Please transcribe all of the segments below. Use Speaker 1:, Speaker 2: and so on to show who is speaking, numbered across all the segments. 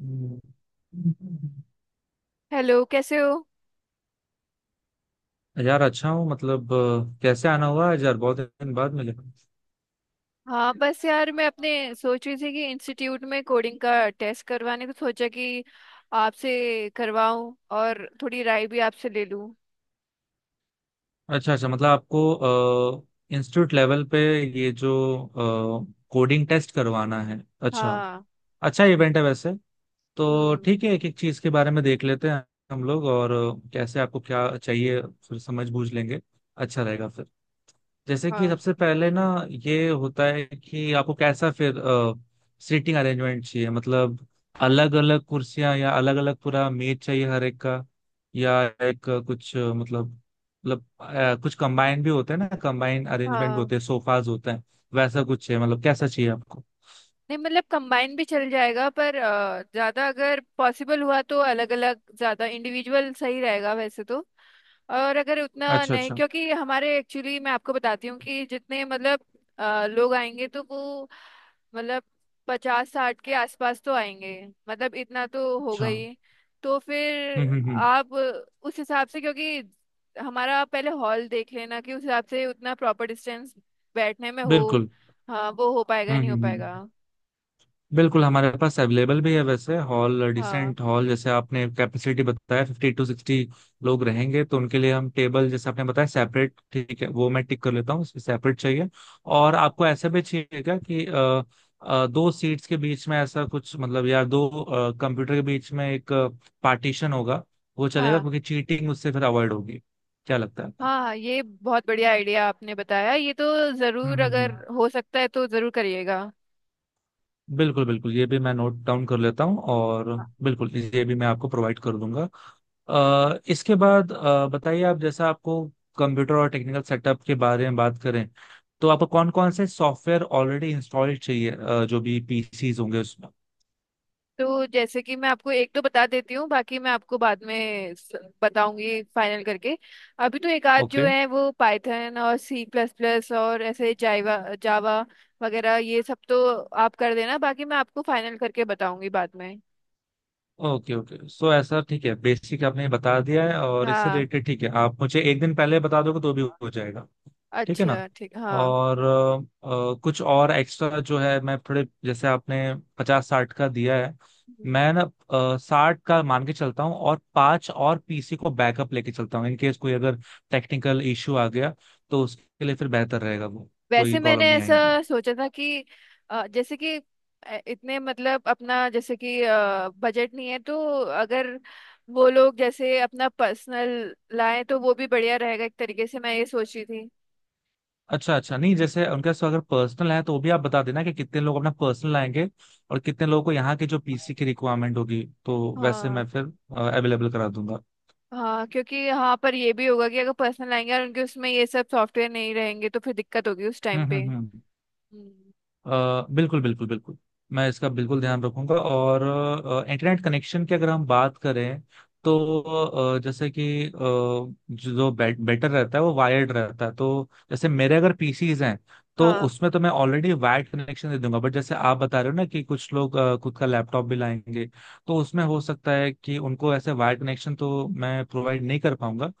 Speaker 1: हम्म।
Speaker 2: Hello, कैसे हो।
Speaker 1: यार अच्छा हूँ मतलब, कैसे आना हुआ है यार? बहुत दिन बाद मिले।
Speaker 2: हाँ बस यार, मैं अपने सोच रही थी कि इंस्टीट्यूट में कोडिंग का टेस्ट करवाने को सोचा कि आपसे करवाऊं और थोड़ी राय भी आपसे ले लूं।
Speaker 1: अच्छा, अच्छा, मतलब आपको इंस्टीट्यूट लेवल पे ये जो कोडिंग टेस्ट करवाना है। अच्छा।
Speaker 2: हाँ।
Speaker 1: अच्छा इवेंट है वैसे। तो
Speaker 2: हम्म।
Speaker 1: ठीक है, एक एक चीज के बारे में देख लेते हैं हम लोग, और कैसे आपको क्या चाहिए फिर समझ बूझ लेंगे। अच्छा रहेगा फिर। जैसे कि
Speaker 2: हाँ।
Speaker 1: सबसे पहले ना, ये होता है कि आपको कैसा फिर सीटिंग अरेंजमेंट चाहिए, मतलब अलग अलग कुर्सियां या अलग अलग पूरा मेज चाहिए हर एक का, या एक कुछ मतलब कुछ कंबाइन भी होते हैं ना, कंबाइन अरेंजमेंट
Speaker 2: हाँ।
Speaker 1: होते हैं, सोफाज होते हैं। वैसा कुछ है मतलब? कैसा चाहिए आपको?
Speaker 2: नहीं मतलब कंबाइन भी चल जाएगा पर ज्यादा अगर पॉसिबल हुआ तो अलग अलग ज्यादा इंडिविजुअल सही रहेगा वैसे तो। और अगर उतना
Speaker 1: अच्छा,
Speaker 2: नहीं,
Speaker 1: अच्छा,
Speaker 2: क्योंकि हमारे एक्चुअली मैं आपको बताती हूँ कि जितने मतलब लोग आएंगे तो वो मतलब पचास साठ के आसपास तो आएंगे, मतलब इतना तो होगा
Speaker 1: अच्छा। हम्म,
Speaker 2: ही। तो फिर
Speaker 1: हम्म, हम्म।
Speaker 2: आप उस हिसाब से, क्योंकि हमारा पहले हॉल देख लेना कि उस हिसाब से उतना प्रॉपर डिस्टेंस बैठने में हो।
Speaker 1: बिल्कुल।
Speaker 2: हाँ वो हो पाएगा
Speaker 1: हम्म,
Speaker 2: नहीं हो
Speaker 1: हम्म,
Speaker 2: पाएगा।
Speaker 1: हम्म। बिल्कुल, हमारे पास अवेलेबल भी है वैसे हॉल,
Speaker 2: हाँ।
Speaker 1: Decent hall. जैसे आपने कैपेसिटी बताया 50 to 60 लोग रहेंगे, तो उनके लिए हम टेबल जैसे आपने बताया सेपरेट, ठीक है, वो मैं टिक कर लेता हूँ, सेपरेट चाहिए। और आपको ऐसा भी चाहिए क्या कि दो सीट्स के बीच में ऐसा कुछ, मतलब या दो कंप्यूटर के बीच में एक पार्टीशन होगा, वो चलेगा?
Speaker 2: हाँ।
Speaker 1: क्योंकि चीटिंग उससे फिर अवॉइड होगी। क्या लगता है आपको?
Speaker 2: हाँ हाँ, ये बहुत बढ़िया आइडिया आपने बताया ये तो।
Speaker 1: हम्म,
Speaker 2: जरूर,
Speaker 1: हम्म,
Speaker 2: अगर हो सकता है तो जरूर करिएगा।
Speaker 1: बिल्कुल बिल्कुल, ये भी मैं नोट डाउन कर लेता हूँ, और बिल्कुल ये भी मैं आपको प्रोवाइड कर दूंगा। इसके बाद बताइए आप। जैसा आपको कंप्यूटर और टेक्निकल सेटअप के बारे में बात करें, तो आपको कौन कौन से सॉफ्टवेयर ऑलरेडी इंस्टॉल्ड चाहिए जो भी पीसीज होंगे उसमें।
Speaker 2: तो जैसे कि मैं आपको एक तो बता देती हूँ, बाकी मैं आपको बाद में बताऊंगी फाइनल करके। अभी तो एक आध जो
Speaker 1: ओके,
Speaker 2: है वो पाइथन और सी प्लस प्लस और ऐसे जावा जावा वगैरह ये सब तो आप कर देना, बाकी मैं आपको फाइनल करके बताऊंगी बाद में।
Speaker 1: Okay, okay. सो ऐसा ठीक है, बेसिक आपने बता दिया है, और इससे
Speaker 2: हाँ।
Speaker 1: रिलेटेड ठीक है, आप मुझे एक दिन पहले बता दोगे तो भी हो जाएगा। ठीक है ना।
Speaker 2: अच्छा ठीक, हाँ।
Speaker 1: और कुछ और एक्स्ट्रा जो है, मैं थोड़े, जैसे आपने 50-60 का दिया है, मैं ना 60 का मान के चलता हूँ, और पांच और पीसी को बैकअप लेके चलता हूँ इन केस कोई अगर टेक्निकल इश्यू आ गया, तो उसके लिए फिर बेहतर रहेगा, वो कोई
Speaker 2: वैसे मैंने
Speaker 1: प्रॉब्लम नहीं
Speaker 2: ऐसा
Speaker 1: आएगी।
Speaker 2: सोचा था कि जैसे कि इतने मतलब अपना जैसे कि बजट नहीं है तो, अगर वो लोग जैसे अपना पर्सनल लाए तो वो भी बढ़िया रहेगा, एक तरीके से मैं ये सोची थी।
Speaker 1: अच्छा, अच्छा। नहीं, जैसे उनके पास अगर पर्सनल है, तो वो भी आप बता देना कि कितने लोग अपना पर्सनल आएंगे, और कितने लोगों को यहाँ के जो पीसी की रिक्वायरमेंट होगी, तो वैसे
Speaker 2: हाँ।
Speaker 1: मैं फिर अवेलेबल करा दूंगा।
Speaker 2: हाँ क्योंकि यहाँ पर ये भी होगा कि अगर पर्सनल आएंगे और उनके उसमें ये सब सॉफ्टवेयर नहीं रहेंगे तो फिर दिक्कत होगी उस टाइम
Speaker 1: हम्म,
Speaker 2: पे।
Speaker 1: हम्म, हम्म।
Speaker 2: हम्म।
Speaker 1: अ, बिल्कुल बिल्कुल बिल्कुल, मैं इसका बिल्कुल ध्यान रखूंगा। और इंटरनेट कनेक्शन की अगर हम बात करें, तो जैसे कि जो बेटर रहता है वो वायर्ड रहता है। तो जैसे मेरे अगर पीसीज हैं, तो
Speaker 2: हाँ
Speaker 1: उसमें तो मैं ऑलरेडी वायर्ड कनेक्शन दे दूंगा, बट जैसे आप बता रहे हो ना कि कुछ लोग खुद का लैपटॉप भी लाएंगे, तो उसमें हो सकता है कि उनको ऐसे वायर्ड कनेक्शन तो मैं प्रोवाइड नहीं कर पाऊंगा।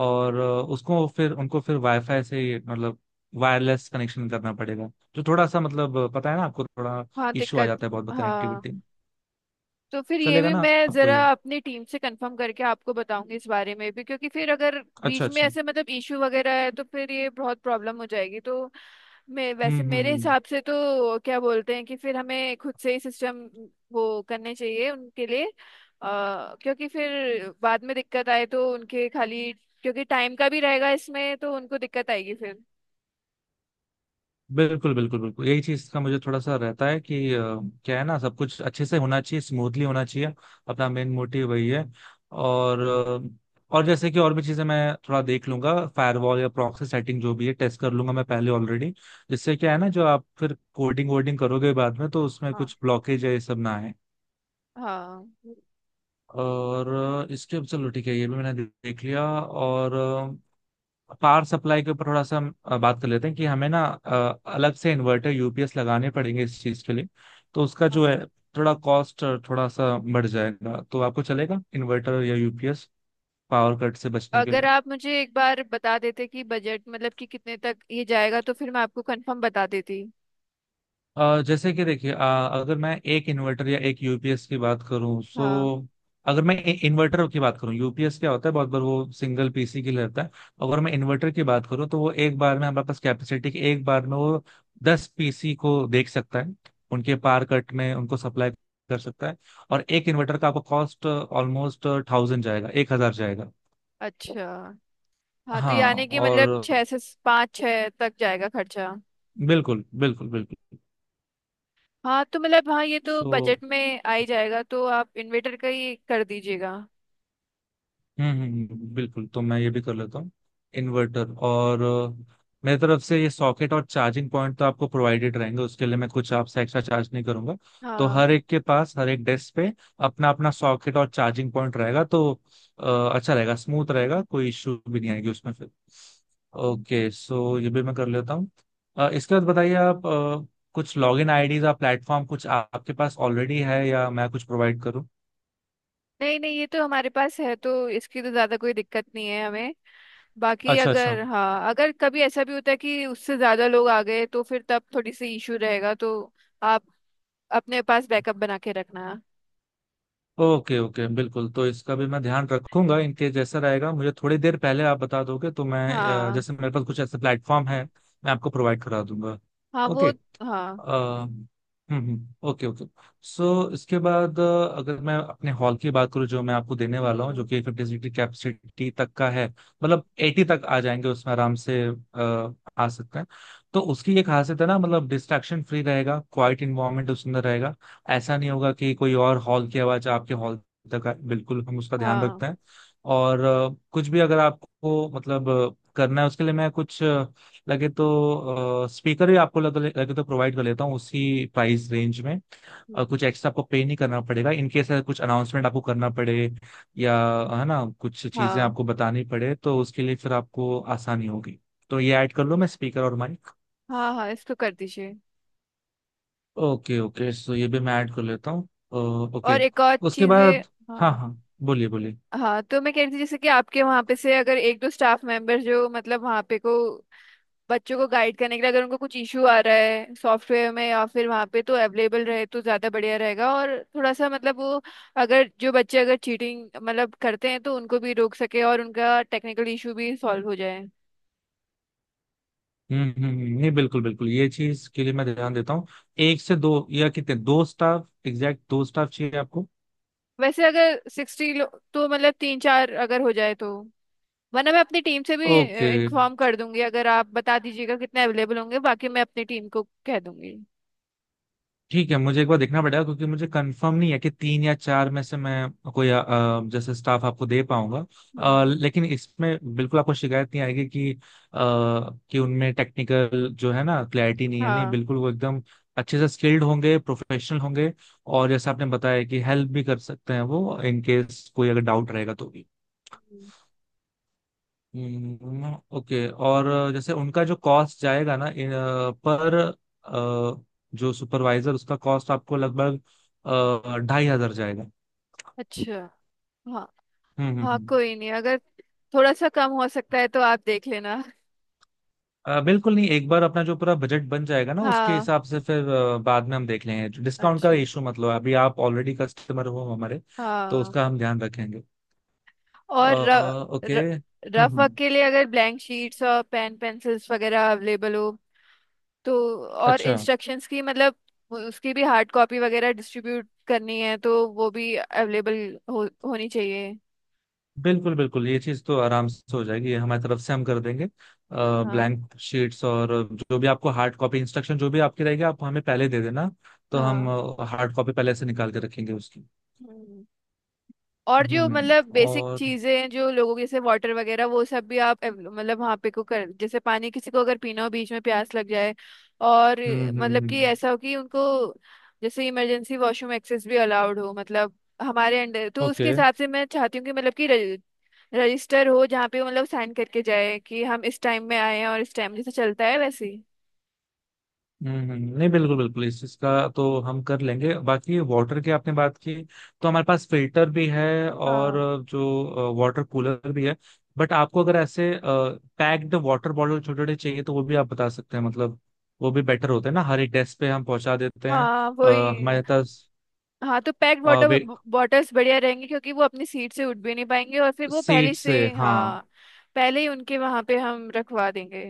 Speaker 1: और उसको फिर उनको फिर वाईफाई से, मतलब वायरलेस कनेक्शन करना पड़ेगा, जो थोड़ा सा, मतलब पता है ना आपको, थोड़ा
Speaker 2: हाँ
Speaker 1: इश्यू आ
Speaker 2: दिक्कत।
Speaker 1: जाता है बहुत
Speaker 2: हाँ
Speaker 1: कनेक्टिविटी में।
Speaker 2: तो फिर ये
Speaker 1: चलेगा
Speaker 2: भी
Speaker 1: ना?
Speaker 2: मैं
Speaker 1: आपको
Speaker 2: जरा
Speaker 1: ये?
Speaker 2: अपनी टीम से कंफर्म करके आपको बताऊंगी इस बारे में भी, क्योंकि फिर अगर
Speaker 1: अच्छा,
Speaker 2: बीच में
Speaker 1: अच्छा।
Speaker 2: ऐसे मतलब इशू वगैरह है तो फिर ये बहुत प्रॉब्लम हो जाएगी। तो मैं,
Speaker 1: हम्म,
Speaker 2: वैसे
Speaker 1: हम्म,
Speaker 2: मेरे
Speaker 1: हम्म।
Speaker 2: हिसाब से तो क्या बोलते हैं कि फिर हमें खुद से ही सिस्टम वो करने चाहिए उनके लिए। क्योंकि फिर बाद में दिक्कत आए तो उनके खाली, क्योंकि टाइम का भी रहेगा इसमें तो उनको दिक्कत आएगी फिर।
Speaker 1: बिल्कुल बिल्कुल बिल्कुल, यही चीज का मुझे थोड़ा सा रहता है कि क्या है ना, सब कुछ अच्छे से होना चाहिए, स्मूथली होना चाहिए। अपना मेन मोटिव वही है। और जैसे कि और भी चीजें मैं थोड़ा देख लूंगा, फायरवॉल या प्रॉक्सी सेटिंग जो भी है, टेस्ट कर लूंगा मैं पहले ऑलरेडी, जिससे क्या है ना, जो आप फिर कोडिंग वोडिंग करोगे बाद में, तो उसमें
Speaker 2: हाँ।
Speaker 1: कुछ ब्लॉकेज है ये सब ना आए।
Speaker 2: हाँ
Speaker 1: और इसके, चलो ठीक है, ये भी मैंने देख लिया। और पावर सप्लाई के ऊपर थोड़ा सा हम बात कर लेते हैं, कि हमें ना अलग से इन्वर्टर यूपीएस लगाने पड़ेंगे इस चीज के लिए। तो उसका जो है थोड़ा कॉस्ट, थोड़ा सा बढ़ जाएगा। तो आपको चलेगा इन्वर्टर या यूपीएस पावर कट से बचने के
Speaker 2: अगर
Speaker 1: लिए?
Speaker 2: आप मुझे एक बार बता देते कि बजट मतलब कि कितने तक ये जाएगा तो फिर मैं आपको कंफर्म बता देती।
Speaker 1: जैसे कि देखिए, अगर मैं एक इन्वर्टर या एक यूपीएस की बात करूं,
Speaker 2: हाँ।
Speaker 1: सो अगर मैं इन्वर्टर की बात करूं, यूपीएस क्या होता है, बहुत बार वो सिंगल पीसी के लिए रहता है। अगर मैं इन्वर्टर की बात करूं, तो वो एक बार में, हमारे पास कैपेसिटी की, एक बार में वो 10 पीसी को देख सकता है, उनके पार कट में उनको सप्लाई कर सकता है। और एक इन्वर्टर का आपको कॉस्ट ऑलमोस्ट 1,000 जाएगा, 1,000 जाएगा।
Speaker 2: अच्छा। हाँ तो यानी
Speaker 1: हाँ।
Speaker 2: कि
Speaker 1: और
Speaker 2: मतलब छः से पाँच छः तक जाएगा खर्चा।
Speaker 1: बिल्कुल बिल्कुल बिल्कुल।
Speaker 2: हाँ तो मतलब हाँ, ये तो
Speaker 1: सो
Speaker 2: बजट में आ ही जाएगा, तो आप इन्वेटर का ही कर दीजिएगा।
Speaker 1: हम्म, बिल्कुल, तो मैं ये भी कर लेता हूँ, इन्वर्टर। और मेरी तरफ से ये सॉकेट और चार्जिंग पॉइंट तो आपको प्रोवाइडेड रहेंगे, उसके लिए मैं कुछ आपसे एक्स्ट्रा चार्ज नहीं करूंगा। तो
Speaker 2: हाँ।
Speaker 1: हर एक के पास, हर एक डेस्क पे अपना अपना सॉकेट और चार्जिंग पॉइंट रहेगा, तो अ, अच्छा रहेगा, स्मूथ रहेगा, कोई इश्यू भी नहीं आएगी उसमें फिर। ओके, सो ये भी मैं कर लेता हूँ। इसके बाद बताइए आप, कुछ लॉगिन आईडीज या प्लेटफॉर्म कुछ आपके पास ऑलरेडी है, या मैं कुछ प्रोवाइड करूँ?
Speaker 2: नहीं नहीं, ये तो हमारे पास है तो इसकी तो ज़्यादा कोई दिक्कत नहीं है हमें। बाकी
Speaker 1: अच्छा, अच्छा।
Speaker 2: अगर, हाँ अगर कभी ऐसा भी होता है कि उससे ज़्यादा लोग आ गए तो फिर तब थोड़ी सी इशू रहेगा, तो आप अपने पास बैकअप बना के रखना।
Speaker 1: ओके, ओके, बिल्कुल, तो इसका भी मैं ध्यान रखूंगा। इनके जैसा रहेगा, मुझे थोड़ी देर पहले आप बता दोगे, तो मैं
Speaker 2: हाँ।
Speaker 1: जैसे मेरे पास कुछ ऐसे प्लेटफॉर्म है, मैं आपको प्रोवाइड करा दूंगा।
Speaker 2: हाँ वो।
Speaker 1: ओके,
Speaker 2: हाँ।
Speaker 1: Okay, okay. सो इसके बाद, अगर मैं अपने हॉल की बात करूँ, जो मैं आपको देने वाला हूँ, जो
Speaker 2: हम्म।
Speaker 1: कि 50 सीट की कैपेसिटी तक का है, मतलब 80 तक आ जाएंगे उसमें आराम से, आ सकते हैं। तो उसकी ये खासियत है ना, मतलब डिस्ट्रैक्शन फ्री रहेगा, क्वाइट इन्वायरमेंट उसके अंदर रहेगा। ऐसा नहीं होगा कि कोई और हॉल की आवाज आपके हॉल तक आए, बिल्कुल हम उसका ध्यान
Speaker 2: हाँ।
Speaker 1: रखते हैं। और कुछ भी अगर आपको, मतलब करना है, उसके लिए मैं कुछ लगे तो स्पीकर भी आपको लगे तो प्रोवाइड कर लेता हूँ उसी प्राइस रेंज में। और
Speaker 2: हम्म,
Speaker 1: कुछ एक्स्ट्रा आपको पे नहीं करना पड़ेगा इन केस कुछ अनाउंसमेंट आपको करना पड़े, या है ना कुछ चीजें
Speaker 2: हाँ।
Speaker 1: आपको बतानी पड़े, तो उसके लिए फिर आपको आसानी होगी। तो ये ऐड कर लो, मैं स्पीकर और माइक।
Speaker 2: हाँ हाँ इसको कर दीजिए।
Speaker 1: ओके, ओके, सो ये भी मैं ऐड कर लेता हूँ।
Speaker 2: और
Speaker 1: ओके।
Speaker 2: एक और
Speaker 1: उसके
Speaker 2: चीजें।
Speaker 1: बाद, हाँ
Speaker 2: हाँ।
Speaker 1: हाँ, बोलिए बोलिए।
Speaker 2: हाँ तो मैं कह रही थी जैसे कि आपके वहाँ पे से अगर एक दो स्टाफ मेंबर जो मतलब वहाँ पे को बच्चों को गाइड करने के लिए, अगर उनको कुछ इशू आ रहा है सॉफ्टवेयर में या फिर वहाँ पे तो अवेलेबल रहे तो ज़्यादा बढ़िया रहेगा। और थोड़ा सा मतलब वो, अगर जो बच्चे अगर चीटिंग मतलब करते हैं तो उनको भी रोक सके और उनका टेक्निकल इशू भी सॉल्व हो जाए।
Speaker 1: हम्म, हम्म, नहीं बिल्कुल बिल्कुल, ये चीज के लिए मैं ध्यान देता हूँ। एक से दो या कितने? दो स्टाफ, एग्जैक्ट दो स्टाफ चाहिए आपको?
Speaker 2: वैसे अगर सिक्सटी तो मतलब तीन चार अगर हो जाए तो, वरना मैं अपनी टीम से भी
Speaker 1: ओके।
Speaker 2: इंफॉर्म कर दूंगी। अगर आप बता दीजिएगा कितने अवेलेबल होंगे, बाकी मैं अपनी टीम को कह दूंगी।
Speaker 1: ठीक है, मुझे एक बार देखना पड़ेगा, क्योंकि मुझे कंफर्म नहीं है कि तीन या चार में से मैं कोई जैसे स्टाफ आपको दे पाऊंगा।
Speaker 2: हम्म।
Speaker 1: लेकिन इसमें बिल्कुल आपको शिकायत नहीं आएगी कि उनमें टेक्निकल जो है ना, क्लैरिटी नहीं है, नहीं
Speaker 2: हाँ।
Speaker 1: बिल्कुल वो एकदम अच्छे से स्किल्ड होंगे, प्रोफेशनल होंगे। और जैसे आपने बताया कि हेल्प भी कर सकते हैं वो इन केस कोई अगर डाउट रहेगा तो।
Speaker 2: हम्म,
Speaker 1: ओके। और जैसे उनका जो कॉस्ट जाएगा ना, इन, अ, पर अ, जो सुपरवाइजर उसका कॉस्ट आपको लगभग 2,500 जाएगा।
Speaker 2: अच्छा। हाँ।
Speaker 1: हम्म, हम्म,
Speaker 2: हाँ कोई नहीं, अगर थोड़ा सा कम हो सकता है तो आप देख लेना।
Speaker 1: बिल्कुल नहीं, एक बार अपना जो पूरा बजट बन जाएगा ना, उसके
Speaker 2: हाँ।
Speaker 1: हिसाब से फिर बाद में हम देख लेंगे डिस्काउंट का
Speaker 2: अच्छा।
Speaker 1: इशू, मतलब अभी आप ऑलरेडी कस्टमर हो हमारे, तो
Speaker 2: हाँ।
Speaker 1: उसका हम ध्यान रखेंगे। अ,
Speaker 2: और र,
Speaker 1: ओके।
Speaker 2: र,
Speaker 1: हम्म,
Speaker 2: रफ वर्क
Speaker 1: हम्म।
Speaker 2: के लिए अगर ब्लैंक शीट्स और पेन पेंसिल्स वगैरह अवेलेबल हो तो, और
Speaker 1: अच्छा,
Speaker 2: इंस्ट्रक्शंस की मतलब उसकी भी हार्ड कॉपी वगैरह डिस्ट्रीब्यूट करनी है तो वो भी अवेलेबल होनी चाहिए।
Speaker 1: बिल्कुल बिल्कुल ये चीज तो आराम से हो जाएगी, ये हमारी तरफ से हम कर देंगे।
Speaker 2: हाँ।
Speaker 1: ब्लैंक शीट्स और जो भी आपको हार्ड कॉपी इंस्ट्रक्शन जो भी आपकी रहेगी, आप हमें पहले दे देना, तो
Speaker 2: हाँ।
Speaker 1: हम हार्ड कॉपी पहले से निकाल के रखेंगे उसकी।
Speaker 2: हम्म। और जो मतलब बेसिक
Speaker 1: और
Speaker 2: चीजें हैं जो लोगों की जैसे वाटर वगैरह, वो सब भी आप मतलब वहाँ पे को कर, जैसे पानी किसी को अगर पीना हो बीच में प्यास लग जाए, और
Speaker 1: हम्म, हम्म,
Speaker 2: मतलब कि ऐसा हो कि उनको जैसे इमरजेंसी वॉशरूम एक्सेस भी अलाउड हो, मतलब हमारे अंडर। तो उसके
Speaker 1: ओके।
Speaker 2: हिसाब से मैं चाहती हूँ कि मतलब कि रजिस्टर हो जहाँ पे वो मतलब साइन करके जाए कि हम इस टाइम में आए हैं और इस टाइम, जैसे चलता है वैसे ही।
Speaker 1: हम्म, नहीं बिल्कुल बिल्कुल, इस चीज का तो हम कर लेंगे। बाकी वाटर की आपने बात की, तो हमारे पास फिल्टर भी है, और
Speaker 2: हाँ।
Speaker 1: जो वाटर कूलर भी है, बट आपको अगर ऐसे पैक्ड वाटर बॉटल छोटे छोटे चाहिए, तो वो भी आप बता सकते हैं, मतलब वो भी बेटर होते हैं ना, हर एक डेस्क पे हम पहुंचा देते हैं।
Speaker 2: हाँ वही।
Speaker 1: हमारे पास।
Speaker 2: हाँ तो पैक्ड वाटर बॉटल्स बढ़िया रहेंगे क्योंकि वो अपनी सीट से उठ भी नहीं पाएंगे और फिर वो पहले
Speaker 1: सीट
Speaker 2: से,
Speaker 1: से, हाँ।
Speaker 2: हाँ पहले ही उनके वहां पे हम रखवा देंगे।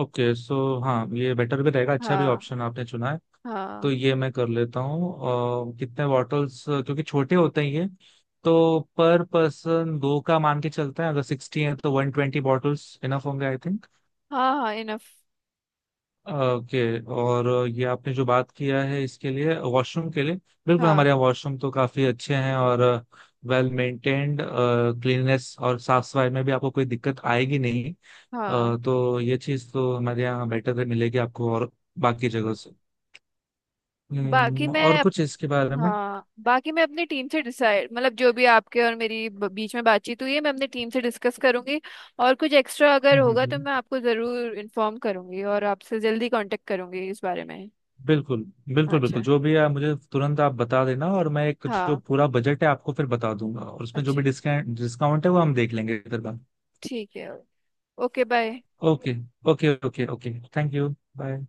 Speaker 1: ओके, सो हाँ ये बेटर भी रहेगा, अच्छा भी
Speaker 2: हाँ।
Speaker 1: ऑप्शन आपने चुना है। तो
Speaker 2: हाँ।
Speaker 1: ये मैं कर लेता हूँ। कितने बॉटल्स क्योंकि छोटे होते हैं ये, तो पर पर्सन दो का मान के चलता है, अगर 60 है तो 120 बॉटल्स इनफ होंगे आई।
Speaker 2: हाँ हाँ इनफ।
Speaker 1: ओके। और ये आपने जो बात किया है, इसके लिए वॉशरूम के लिए बिल्कुल,
Speaker 2: हाँ
Speaker 1: हमारे
Speaker 2: enough।
Speaker 1: यहाँ वॉशरूम तो काफी अच्छे हैं और वेल मेंटेन्ड, क्लीननेस और साफ सफाई में भी आपको कोई दिक्कत आएगी नहीं।
Speaker 2: हाँ। हाँ।
Speaker 1: तो ये चीज तो हमारे यहाँ बेटर है, मिलेगी आपको, और बाकी जगह
Speaker 2: हम्म।
Speaker 1: से।
Speaker 2: बाकी मैं,
Speaker 1: और कुछ इसके बारे में?
Speaker 2: हाँ बाकी मैं अपनी टीम से डिसाइड, मतलब जो भी आपके और मेरी बीच में बातचीत हुई है मैं अपनी टीम से डिस्कस करूंगी, और कुछ एक्स्ट्रा अगर
Speaker 1: हम्म,
Speaker 2: होगा
Speaker 1: हम्म,
Speaker 2: तो
Speaker 1: हम्म,
Speaker 2: मैं आपको जरूर इन्फॉर्म करूंगी और आपसे जल्दी कांटेक्ट करूंगी इस बारे में।
Speaker 1: बिल्कुल बिल्कुल
Speaker 2: अच्छा।
Speaker 1: बिल्कुल, जो भी है मुझे तुरंत आप बता देना, और मैं एक जो
Speaker 2: हाँ।
Speaker 1: पूरा बजट है आपको फिर बता दूंगा, और उसमें जो भी
Speaker 2: अच्छे।
Speaker 1: डिस्काउंट डिस्काउंट है वो हम देख लेंगे फिर बाद।
Speaker 2: ठीक है। Okay bye.
Speaker 1: Okay, okay, okay, okay, thank you. Bye.